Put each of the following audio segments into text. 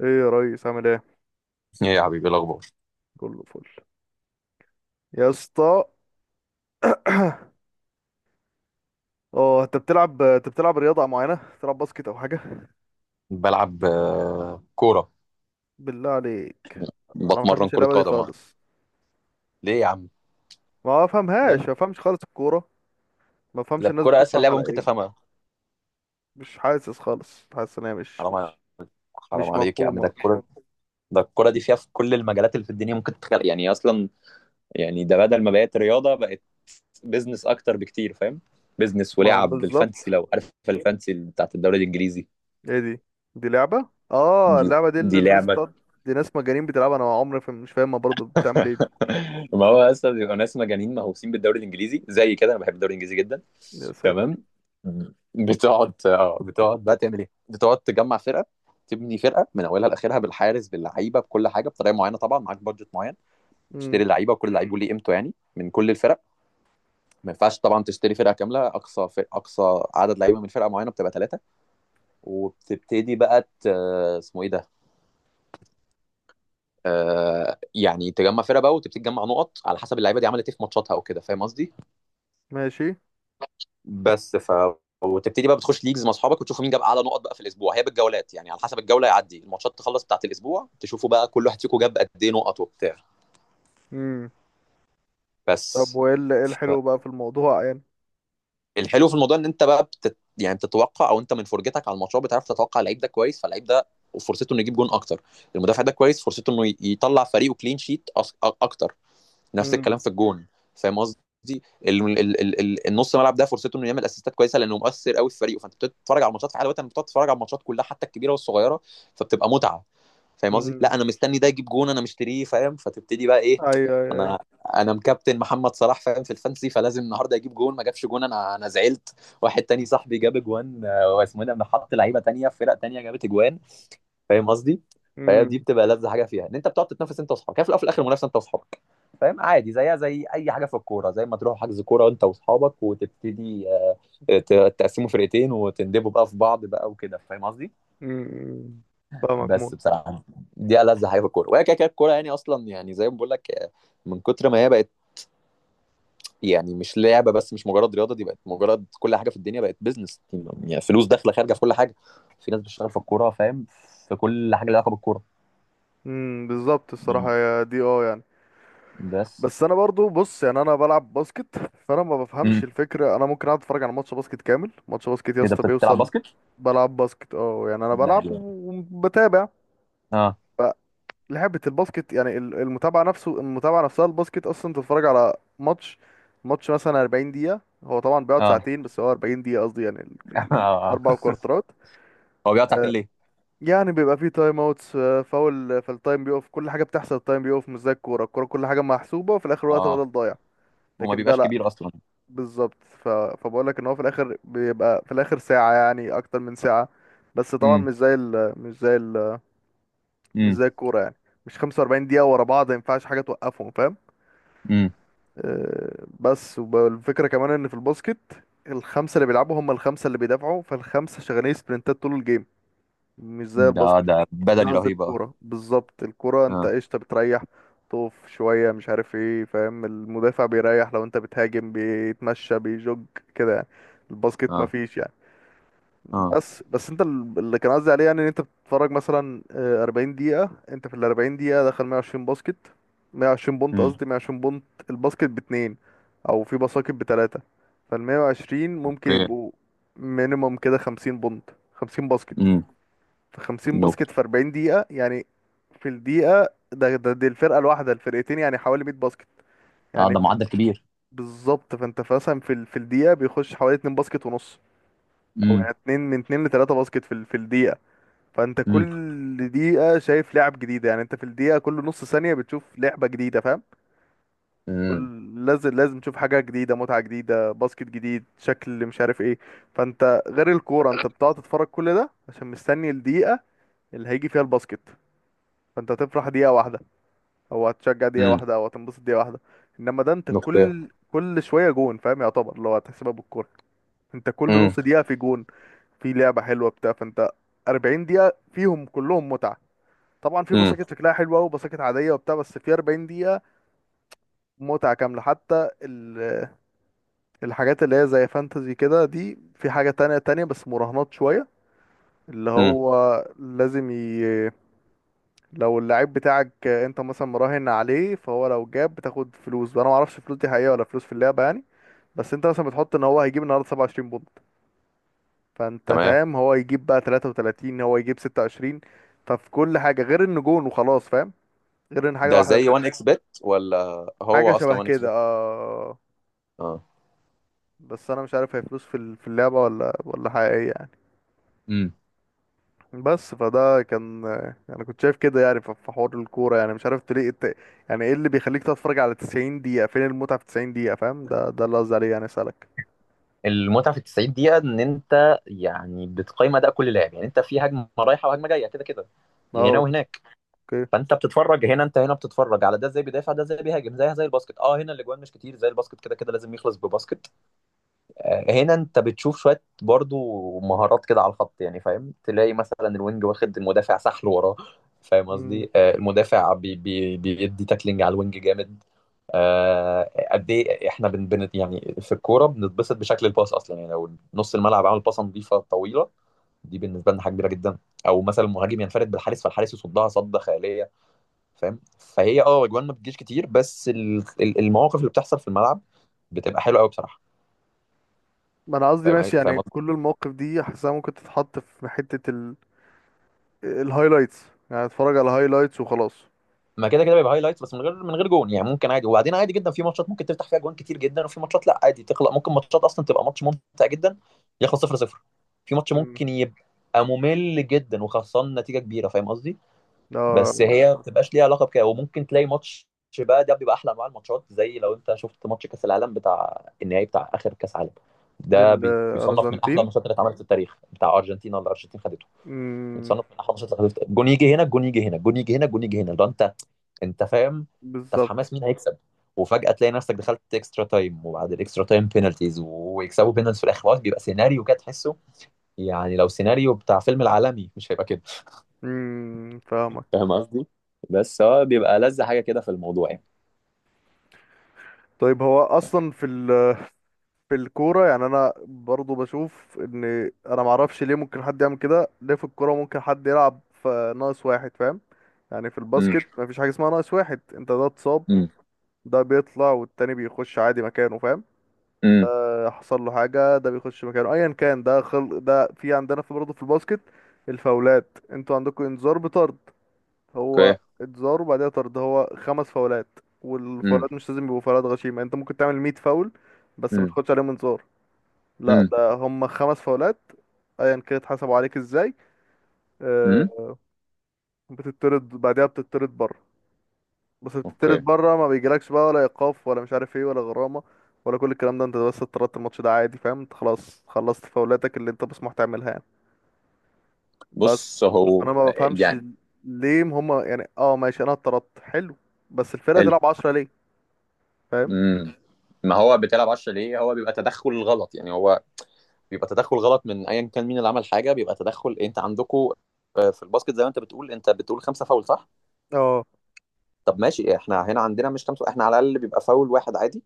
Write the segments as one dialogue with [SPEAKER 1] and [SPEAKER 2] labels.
[SPEAKER 1] ايه يا ريس، عامل ايه؟
[SPEAKER 2] ايه يا حبيبي إيه الاخبار.
[SPEAKER 1] كله فل يا اسطى. اه انت بتلعب، رياضه معينه؟ بتلعب باسكت او حاجه؟
[SPEAKER 2] بلعب كوره.
[SPEAKER 1] بالله عليك. انا ما
[SPEAKER 2] بتمرن
[SPEAKER 1] بحبش
[SPEAKER 2] كره
[SPEAKER 1] اللعبه دي
[SPEAKER 2] قدم
[SPEAKER 1] خالص.
[SPEAKER 2] ليه يا عم؟ لا،
[SPEAKER 1] ما بفهمش خالص الكوره. ما
[SPEAKER 2] ده
[SPEAKER 1] بفهمش الناس
[SPEAKER 2] الكوره اسهل
[SPEAKER 1] بتفرح
[SPEAKER 2] لعبه
[SPEAKER 1] على
[SPEAKER 2] ممكن
[SPEAKER 1] ايه.
[SPEAKER 2] تفهمها.
[SPEAKER 1] مش حاسس خالص، حاسس ان هي
[SPEAKER 2] حرام ع- حرام
[SPEAKER 1] مش
[SPEAKER 2] عليك يا عم، ده
[SPEAKER 1] مفهومه.
[SPEAKER 2] الكوره. ده الكوره دي فيها في كل المجالات اللي في الدنيا ممكن تتخيل يعني اصلا. يعني ده بدل ما بقت رياضه بقت بيزنس اكتر بكتير، فاهم؟ بيزنس
[SPEAKER 1] ما
[SPEAKER 2] ولعب بالفانسي،
[SPEAKER 1] بالظبط.
[SPEAKER 2] لو عارف الفانسي بتاعت الدوري الانجليزي.
[SPEAKER 1] ايه دي؟ دي لعبه؟ اه
[SPEAKER 2] دي
[SPEAKER 1] اللعبه دي اللي
[SPEAKER 2] دي
[SPEAKER 1] الناس بتقعد،
[SPEAKER 2] لعبه.
[SPEAKER 1] دي ناس مجانين بتلعبها. انا عمري مش فاهمها، برضه بتعمل ايه دي؟
[SPEAKER 2] ما هو اصلا بيبقى ناس مجانين مهووسين بالدوري الانجليزي زي كده. انا بحب الدوري الانجليزي جدا.
[SPEAKER 1] يا
[SPEAKER 2] تمام.
[SPEAKER 1] ساتر.
[SPEAKER 2] بتقعد، اه، بتقعد بقى تعمل ايه؟ بتقعد تجمع فرقه، تبني فرقه من اولها لاخرها، بالحارس، باللعيبه، بكل حاجه، بطريقه معينه. طبعا معاك بادجت معين،
[SPEAKER 1] امم.
[SPEAKER 2] تشتري لعيبه، وكل لعيب ليه قيمته يعني، من كل الفرق. ما ينفعش طبعا تشتري فرقه كامله. اقصى عدد لعيبه من فرقه معينه بتبقى ثلاثه. وبتبتدي بقى ت... اسمه ايه ده؟ يعني تجمع فرقه بقى، وتبتدي تجمع نقط على حسب اللعيبه دي عملت ايه في ماتشاتها وكده، فاهم قصدي؟
[SPEAKER 1] ماشي.
[SPEAKER 2] بس ف وتبتدي بقى بتخش ليجز مع اصحابك، وتشوفوا مين جاب اعلى نقط بقى في الاسبوع، هي بالجولات يعني، على حسب الجوله يعدي الماتشات تخلص بتاعت الاسبوع، تشوفوا بقى كل واحد فيكم جاب قد ايه نقط وبتاع.
[SPEAKER 1] امم. طب
[SPEAKER 2] بس
[SPEAKER 1] إيه
[SPEAKER 2] ف-
[SPEAKER 1] الحلو بقى في الموضوع يعني؟
[SPEAKER 2] الحلو في الموضوع ان انت بقى يعني بتتوقع، او انت من فرجتك على الماتشات بتعرف تتوقع اللعيب ده كويس، فاللعيب ده فرصته انه يجيب جون اكتر. المدافع ده كويس، فرصته انه يطلع فريقه كلين شيت اكتر. نفس
[SPEAKER 1] امم.
[SPEAKER 2] الكلام في الجون، فاهم قصدي؟ النص ملعب ده فرصته انه يعمل اسيستات كويسه، لانه مؤثر قوي في فريقه، فانت بتتفرج على الماتشات في حاله وقتها، انت بتتفرج على الماتشات كلها حتى الكبيره والصغيره. فبتبقى متعه. فاهم قصدي؟
[SPEAKER 1] امم.
[SPEAKER 2] لا انا مستني ده يجيب جون، انا مشتريه، فاهم؟ فتبتدي بقى ايه،
[SPEAKER 1] ايوه، ايوه، ايوه.
[SPEAKER 2] انا انا مكابتن محمد صلاح، فاهم؟ في الفانسي، فلازم النهارده يجيب جون. ما جابش جون، انا زعلت. واحد تاني صاحبي جاب جوان، واسمه إيه ده، أنا حط لعيبه تانيه في فرق تانيه جابت جوان. فاهم قصدي؟ فهي دي
[SPEAKER 1] امم.
[SPEAKER 2] بتبقى لذة حاجه فيها، ان انت بتقعد تتنافس انت واصحابك. هي في الاول وفي الاخر منافسه انت واصحابك، فاهم؟ عادي، زيها زي اي حاجه في الكوره، زي ما تروحوا حجز كوره انت واصحابك وتبتدي، تقسموا فرقتين وتندبوا بقى في بعض بقى وكده، فاهم قصدي؟
[SPEAKER 1] امم. فاهمك موت.
[SPEAKER 2] بس بصراحه دي ألذ حاجه في الكوره. وهي كده كده الكوره يعني اصلا، يعني زي ما بقول لك، من كتر ما هي بقت يعني مش لعبه بس، مش مجرد رياضه، دي بقت مجرد كل حاجه في الدنيا بقت بيزنس، يعني فلوس داخله خارجه في كل حاجه. في ناس بتشتغل في الكوره، فاهم؟ في كل حاجه لها علاقه بالكوره.
[SPEAKER 1] امم، بالظبط
[SPEAKER 2] مم.
[SPEAKER 1] الصراحه، يا دي اه يعني.
[SPEAKER 2] بس.
[SPEAKER 1] بس انا برضو بص، يعني انا بلعب باسكت، فانا ما بفهمش
[SPEAKER 2] امم،
[SPEAKER 1] الفكره. انا ممكن اقعد اتفرج على ماتش باسكت كامل، ماتش باسكت يا
[SPEAKER 2] ايه ده،
[SPEAKER 1] اسطى
[SPEAKER 2] بتلعب
[SPEAKER 1] بيوصل.
[SPEAKER 2] باسكت؟
[SPEAKER 1] بلعب باسكت اه، يعني انا
[SPEAKER 2] ده
[SPEAKER 1] بلعب
[SPEAKER 2] حلو أوي.
[SPEAKER 1] وبتابع.
[SPEAKER 2] اه.
[SPEAKER 1] فلعبه الباسكت يعني المتابعه نفسه، المتابعه نفسها الباسكت اصلا. تتفرج على ماتش مثلا 40 دقيقه، هو طبعا بيقعد
[SPEAKER 2] اه.
[SPEAKER 1] ساعتين، بس هو 40 دقيقه قصدي، يعني
[SPEAKER 2] آه.
[SPEAKER 1] اربع كوارترات.
[SPEAKER 2] هو بيقعد ساعتين ليه؟
[SPEAKER 1] يعني بيبقى فيه تايم اوتس، فاول فالتايم بيقف، كل حاجه بتحصل التايم بيقف. مش زي الكوره، الكوره كل حاجه محسوبه وفي الاخر وقت
[SPEAKER 2] اه،
[SPEAKER 1] بدل ضايع.
[SPEAKER 2] وما
[SPEAKER 1] لكن ده
[SPEAKER 2] بيبقاش
[SPEAKER 1] لا،
[SPEAKER 2] كبير اصلا.
[SPEAKER 1] بالظبط. فبقول لك ان هو في الاخر بيبقى، في الاخر ساعه يعني، اكتر من ساعه. بس طبعا
[SPEAKER 2] امم.
[SPEAKER 1] مش
[SPEAKER 2] امم.
[SPEAKER 1] زي الكوره يعني. مش 45 دقيقه ورا بعض، ما ينفعش حاجه توقفهم فاهم.
[SPEAKER 2] امم.
[SPEAKER 1] أه بس والفكره كمان ان في الباسكت الخمسه اللي بيلعبوا هم الخمسه اللي بيدافعوا، فالخمسه شغالين سبرنتات طول الجيم. مش زي الباسكت،
[SPEAKER 2] ده ده
[SPEAKER 1] مش زي
[SPEAKER 2] بدني
[SPEAKER 1] قصدي
[SPEAKER 2] رهيب، اه.
[SPEAKER 1] الكورة بالظبط. الكورة انت
[SPEAKER 2] اه.
[SPEAKER 1] قشطة، بتريح، تقف شوية، مش عارف ايه فاهم. المدافع بيريح، لو انت بتهاجم بيتمشى بيجوج كده يعني. الباسكت
[SPEAKER 2] اه.
[SPEAKER 1] مفيش يعني.
[SPEAKER 2] اه.
[SPEAKER 1] بس انت اللي كان قصدي عليه يعني ان انت بتتفرج مثلا 40 دقيقة. انت في ال 40 دقيقة دخل 120 باسكت، 120 بونت
[SPEAKER 2] امم.
[SPEAKER 1] قصدي، 120 بونت. الباسكت باتنين، او في باسكت بتلاتة. فال 120 ممكن
[SPEAKER 2] اوكي.
[SPEAKER 1] يبقوا مينيموم كده 50 بونت، 50 باسكت.
[SPEAKER 2] امم.
[SPEAKER 1] في 50
[SPEAKER 2] نوك.
[SPEAKER 1] باسكت في 40 دقيقة يعني. في الدقيقة ده, ده دي الفرقة الواحدة، الفرقتين يعني حوالي 100 باسكت
[SPEAKER 2] اه،
[SPEAKER 1] يعني.
[SPEAKER 2] ده
[SPEAKER 1] في
[SPEAKER 2] معدل كبير.
[SPEAKER 1] بالظبط فانت مثلا في في الدقيقة بيخش حوالي 2 باسكت ونص، او
[SPEAKER 2] امم.
[SPEAKER 1] يعني 2 من 2 ل 3 باسكت في في الدقيقة. فانت
[SPEAKER 2] امم.
[SPEAKER 1] كل دقيقة شايف لعب جديدة، يعني انت في الدقيقة كل نص ثانية بتشوف لعبة جديدة فاهم.
[SPEAKER 2] امم.
[SPEAKER 1] لازم لازم تشوف حاجة جديدة، متعة جديدة، باسكت جديد، شكل مش عارف ايه. فانت غير الكورة، انت بتقعد تتفرج كل ده عشان مستني الدقيقة اللي هيجي فيها الباسكت. فانت هتفرح دقيقة واحدة، هو هتشجع دقيقة
[SPEAKER 2] امم.
[SPEAKER 1] واحدة، او هتنبسط دقيقة واحدة. انما ده انت
[SPEAKER 2] اوكي.
[SPEAKER 1] كل شوية جون فاهم، يعتبر اللي هو هتحسبها بالكورة. انت كل
[SPEAKER 2] امم.
[SPEAKER 1] نص دقيقة في جون، في لعبة حلوة بتاع. فانت 40 دقيقة فيهم كلهم متعة، طبعا في
[SPEAKER 2] امم.
[SPEAKER 1] بساكت شكلها حلوة وبساكت عادية وبتاع، بس في 40 دقيقة متعة كاملة. حتى الحاجات اللي هي زي فانتزي كده، دي في حاجة تانية تانية، بس مراهنات شوية. اللي
[SPEAKER 2] امم.
[SPEAKER 1] هو لازم لو اللعيب بتاعك انت مثلا مراهن عليه، فهو لو جاب بتاخد فلوس. وانا ما اعرفش الفلوس دي حقيقه ولا فلوس في اللعبه يعني. بس انت مثلا بتحط ان هو هيجيب النهارده 27 بونت، فانت
[SPEAKER 2] تمام.
[SPEAKER 1] فاهم هو يجيب بقى 33، هو يجيب 26. ففي كل حاجه غير ان جون وخلاص فاهم، غير ان حاجه
[SPEAKER 2] ده
[SPEAKER 1] واحده
[SPEAKER 2] زي
[SPEAKER 1] انت.
[SPEAKER 2] 1 اكس بت ولا؟ هو
[SPEAKER 1] حاجه شبه
[SPEAKER 2] اصلا 1 اكس
[SPEAKER 1] كده
[SPEAKER 2] بت.
[SPEAKER 1] اه.
[SPEAKER 2] اه.
[SPEAKER 1] بس انا مش عارف هي فلوس في في اللعبه ولا حقيقيه يعني. بس فده كان، انا كنت شايف كده يعني، في حوار الكوره يعني، مش عارف ليه يعني ايه اللي بيخليك تتفرج على 90 دقيقه؟ فين المتعه في 90 دقيقه فاهم؟ ده اللي قصدي عليه يعني، اسالك.
[SPEAKER 2] المتعه في ال 90 دقيقه ان انت يعني بتقيم اداء كل لاعب، يعني انت في هجمه رايحه وهجمه جايه كده كده، هنا
[SPEAKER 1] اه.
[SPEAKER 2] وهناك.
[SPEAKER 1] اوكي.
[SPEAKER 2] فانت بتتفرج هنا، انت هنا بتتفرج على ده ازاي بيدافع، ده ازاي بيهاجم، زيها زي الباسكت. اه، هنا الاجوان مش كتير زي الباسكت، كده كده لازم يخلص بباسكت. آه، هنا انت بتشوف شويه برضو مهارات كده على الخط يعني، فاهم؟ تلاقي مثلا الوينج واخد المدافع سحل وراه، فاهم
[SPEAKER 1] امم.
[SPEAKER 2] قصدي؟ آه، المدافع بي بيدي تاكلينج على الوينج جامد. قد ايه احنا بن يعني في الكوره بنتبسط بشكل الباص اصلا، يعني لو نص الملعب عمل باصه نظيفه طويله، دي بالنسبه لنا حاجه كبيره جدا. او مثلا المهاجم ينفرد بالحارس، فالحارس يصدها صده خياليه، فاهم؟ فهي اه اجوان ما بتجيش كتير، بس المواقف اللي بتحصل في الملعب بتبقى حلوه قوي بصراحه.
[SPEAKER 1] ما انا قصدي
[SPEAKER 2] فاهم
[SPEAKER 1] ماشي يعني.
[SPEAKER 2] فاهم
[SPEAKER 1] كل المواقف دي حاسسها ممكن تتحط في حته الهايلايتس. يعني اتفرج على الهايلايتس وخلاص.
[SPEAKER 2] ما كده كده بيبقى هايلايتس، بس من غير جون يعني، ممكن عادي. وبعدين عادي جدا في ماتشات ممكن تفتح فيها جوان كتير جدا، وفي ماتشات لا، عادي تخلق ممكن ماتشات اصلا تبقى ماتش ممتع جدا يخلص 0 0. في ماتش
[SPEAKER 1] امم.
[SPEAKER 2] ممكن يبقى ممل جدا وخسران نتيجه كبيره، فاهم قصدي؟ بس
[SPEAKER 1] ده
[SPEAKER 2] هي ما بتبقاش ليها علاقه بكده. وممكن تلاقي ماتش بقى، ده بيبقى احلى انواع الماتشات. زي لو انت شفت ماتش كاس العالم بتاع النهائي بتاع اخر كاس عالم، ده بيصنف من احلى
[SPEAKER 1] للارجنتين.
[SPEAKER 2] الماتشات اللي اتعملت في التاريخ، بتاع ارجنتينا، اللي الارجنتين خدته.
[SPEAKER 1] امم،
[SPEAKER 2] بيتصنف من احلى الماتشات، اللي خدته جون يجي هنا، جون يجي هنا، جون يجي هنا، جون يجي هنا، ده انت، انت فاهم؟ انت في
[SPEAKER 1] بالظبط.
[SPEAKER 2] حماس مين هيكسب. وفجأة تلاقي نفسك دخلت اكسترا تايم، وبعد الاكسترا تايم بينالتيز، ويكسبوا بينالتيز في الاخر، خلاص بيبقى سيناريو كده تحسه يعني لو سيناريو بتاع فيلم العالمي مش هيبقى كده.
[SPEAKER 1] امم. فاهمك.
[SPEAKER 2] فاهم قصدي؟ بس هو بيبقى لذة حاجة كده في الموضوع يعني.
[SPEAKER 1] طيب هو اصلا في في الكورة يعني، أنا برضو بشوف إن أنا معرفش ليه ممكن حد يعمل كده، ليه في الكورة ممكن حد يلعب في ناقص واحد فاهم؟ يعني في
[SPEAKER 2] امم.
[SPEAKER 1] الباسكت مفيش حاجة اسمها ناقص واحد. أنت ده اتصاب،
[SPEAKER 2] امم.
[SPEAKER 1] ده بيطلع والتاني بيخش عادي مكانه فاهم.
[SPEAKER 2] امم.
[SPEAKER 1] ده حصل له حاجة، ده بيخش مكانه أيا كان ده. خل ده، في عندنا في برضه في الباسكت الفاولات، أنتوا عندكم إنذار بطرد. هو
[SPEAKER 2] اوكي.
[SPEAKER 1] إنذار وبعدها طرد، هو خمس فاولات.
[SPEAKER 2] امم.
[SPEAKER 1] والفاولات مش لازم يبقوا فاولات غشيمة، أنت ممكن تعمل 100 فاول بس ما
[SPEAKER 2] امم.
[SPEAKER 1] تاخدش عليهم انذار. لا،
[SPEAKER 2] امم.
[SPEAKER 1] ده هم خمس فاولات ايا كانت اتحسبوا عليك ازاي.
[SPEAKER 2] امم.
[SPEAKER 1] آه، بتطرد، بعدها بتطرد بره. بس
[SPEAKER 2] اوكي.
[SPEAKER 1] بتطرد بره ما بيجيلكش بقى ولا ايقاف ولا مش عارف ايه ولا غرامه ولا كل الكلام ده. انت بس اتطردت الماتش ده عادي فاهم، انت خلاص خلصت فاولاتك اللي انت مسموح تعملها يعني. بس
[SPEAKER 2] بص
[SPEAKER 1] انا
[SPEAKER 2] هو
[SPEAKER 1] ما بفهمش
[SPEAKER 2] يعني،
[SPEAKER 1] ليه هم يعني. اه ماشي، انا اتطردت حلو، بس الفرقه
[SPEAKER 2] حلو.
[SPEAKER 1] تلعب 10 ليه فاهم؟
[SPEAKER 2] امم. ما هو بتلعب 10 ليه، هو بيبقى تدخل غلط يعني. هو بيبقى تدخل غلط من ايا كان مين اللي عمل حاجه، بيبقى تدخل. انت عندكم في الباسكت زي ما انت بتقول، انت بتقول خمسه فاول، صح؟
[SPEAKER 1] اه.
[SPEAKER 2] طب ماشي، احنا هنا عندنا مش خمسه، احنا على الاقل بيبقى فاول واحد عادي،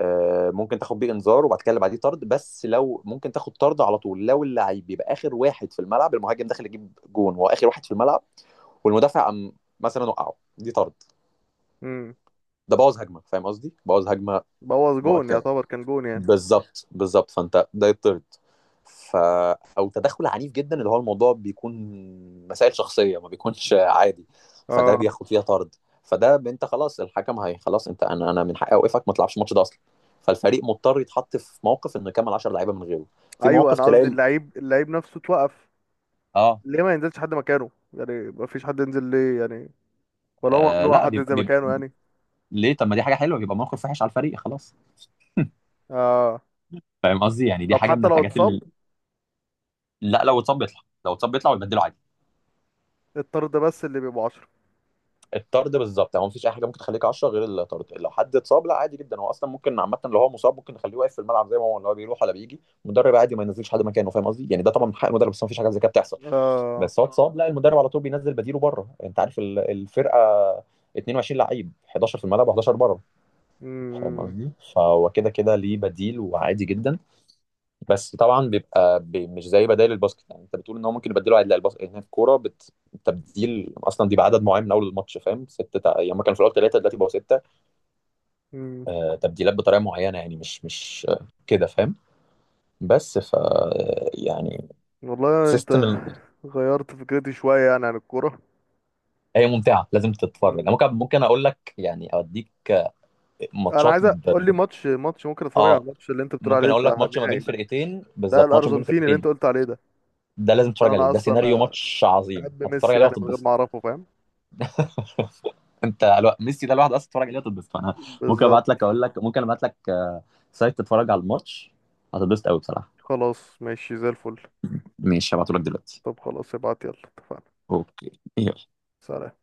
[SPEAKER 2] ممكن تاخد بيه انذار، وبعد كده اللي بعديه طرد. بس لو ممكن تاخد طرد على طول لو اللعيب بيبقى اخر واحد في الملعب، المهاجم داخل يجيب جون وهو اخر واحد في الملعب، والمدافع قام مثلا وقعه، دي طرد.
[SPEAKER 1] امم.
[SPEAKER 2] ده بوظ هجمه، فاهم قصدي؟ بوظ هجمه
[SPEAKER 1] بوظ جون،
[SPEAKER 2] مؤكده.
[SPEAKER 1] يعتبر كان جون يعني.
[SPEAKER 2] بالظبط، بالظبط، فانت ده يطرد. ف، او تدخل عنيف جدا، اللي هو الموضوع بيكون مسائل شخصيه، ما بيكونش عادي، فده
[SPEAKER 1] اه،
[SPEAKER 2] بياخد فيها طرد. انت خلاص، الحكم هي خلاص، انت، انا من حقي اوقفك ما تلعبش الماتش ده اصلا. فالفريق مضطر يتحط في موقف انه يكمل 10 لعيبه من غيره. في
[SPEAKER 1] ايوه،
[SPEAKER 2] مواقف
[SPEAKER 1] انا
[SPEAKER 2] تلاقي
[SPEAKER 1] قصدي اللعيب، نفسه اتوقف
[SPEAKER 2] اه
[SPEAKER 1] ليه ما ينزلش حد مكانه يعني؟ ما فيش حد ينزل ليه يعني؟ ولا هو ممنوع
[SPEAKER 2] لا
[SPEAKER 1] حد
[SPEAKER 2] بيبقى,
[SPEAKER 1] ينزل
[SPEAKER 2] بيبقى
[SPEAKER 1] مكانه يعني؟
[SPEAKER 2] ليه؟ طب ما دي حاجه حلوه، بيبقى موقف وحش على الفريق، خلاص.
[SPEAKER 1] آه.
[SPEAKER 2] فاهم قصدي؟ يعني دي
[SPEAKER 1] طب
[SPEAKER 2] حاجه من
[SPEAKER 1] حتى لو
[SPEAKER 2] الحاجات
[SPEAKER 1] اتصاب.
[SPEAKER 2] اللي، لا لو اتصاب بيطلع، لو اتصاب بيطلع ويبدله عادي.
[SPEAKER 1] الطرد بس اللي بيبقوا عشرة.
[SPEAKER 2] الطرد بالظبط يعني، هو مفيش اي حاجه ممكن تخليك 10 غير الطرد. لو حد اتصاب لا عادي جدا، هو اصلا ممكن عامه لو هو مصاب ممكن نخليه واقف في الملعب زي ما هو، لو بيروح ولا بيجي المدرب عادي ما ينزلش حد مكانه، فاهم قصدي يعني؟ ده طبعا من حق المدرب، بس مفيش حاجه زي كده بتحصل.
[SPEAKER 1] آه.
[SPEAKER 2] بس هو اه اتصاب لا، المدرب على طول بينزل بديله بره. انت عارف الفرقه 22 لعيب، 11 في الملعب و11 بره، فاهم
[SPEAKER 1] مم.
[SPEAKER 2] قصدي؟ فهو كده كده ليه بديل، وعادي جدا. بس طبعا بيبقى بي مش زي بدائل الباسكت، يعني انت بتقول ان هو ممكن يبدلوا عدل الباسكت، هنا الكوره تبديل اصلا دي بعدد معين من اول الماتش، فاهم؟ يعني هما كانوا في الاول ثلاثه دلوقتي بقوا سته.
[SPEAKER 1] مم.
[SPEAKER 2] آه، تبديلات بطريقه معينه يعني، مش كده فاهم. بس ف آه، يعني
[SPEAKER 1] والله انت
[SPEAKER 2] سيستم ال...
[SPEAKER 1] غيرت فكرتي شوية يعني عن الكورة.
[SPEAKER 2] هي ممتعه لازم تتفرج. انا
[SPEAKER 1] مم.
[SPEAKER 2] ممكن اقول لك يعني اوديك
[SPEAKER 1] انا
[SPEAKER 2] ماتشات
[SPEAKER 1] عايز
[SPEAKER 2] ب...
[SPEAKER 1] اقول لي
[SPEAKER 2] ب-
[SPEAKER 1] ماتش، ممكن اتفرج على
[SPEAKER 2] اه
[SPEAKER 1] الماتش اللي انت بتقول
[SPEAKER 2] ممكن
[SPEAKER 1] عليه
[SPEAKER 2] اقول لك
[SPEAKER 1] بتاع
[SPEAKER 2] ماتش ما بين
[SPEAKER 1] النهائي ده.
[SPEAKER 2] فرقتين،
[SPEAKER 1] لا
[SPEAKER 2] بالظبط ماتش ما بين
[SPEAKER 1] الارجنتيني اللي
[SPEAKER 2] فرقتين.
[SPEAKER 1] انت قلت عليه ده.
[SPEAKER 2] ده لازم
[SPEAKER 1] عشان
[SPEAKER 2] تتفرج عليه،
[SPEAKER 1] انا
[SPEAKER 2] ده سيناريو
[SPEAKER 1] اصلا
[SPEAKER 2] ماتش عظيم،
[SPEAKER 1] بحب
[SPEAKER 2] هتتفرج
[SPEAKER 1] ميسي،
[SPEAKER 2] عليه
[SPEAKER 1] يعني من غير
[SPEAKER 2] وهتتبسط.
[SPEAKER 1] ما اعرفه فاهم.
[SPEAKER 2] ميسي ده الواحد اصلا تتفرج عليه هتتبسط. فانا ممكن ابعت
[SPEAKER 1] بالظبط.
[SPEAKER 2] لك، اقول لك ممكن ابعت لك، سايت تتفرج على الماتش، هتتبسط قوي بصراحه.
[SPEAKER 1] خلاص ماشي زي الفل.
[SPEAKER 2] ماشي، هبعته لك دلوقتي.
[SPEAKER 1] طب خلاص ابعت، يلا اتفقنا.
[SPEAKER 2] اوكي، يلا.
[SPEAKER 1] سلام.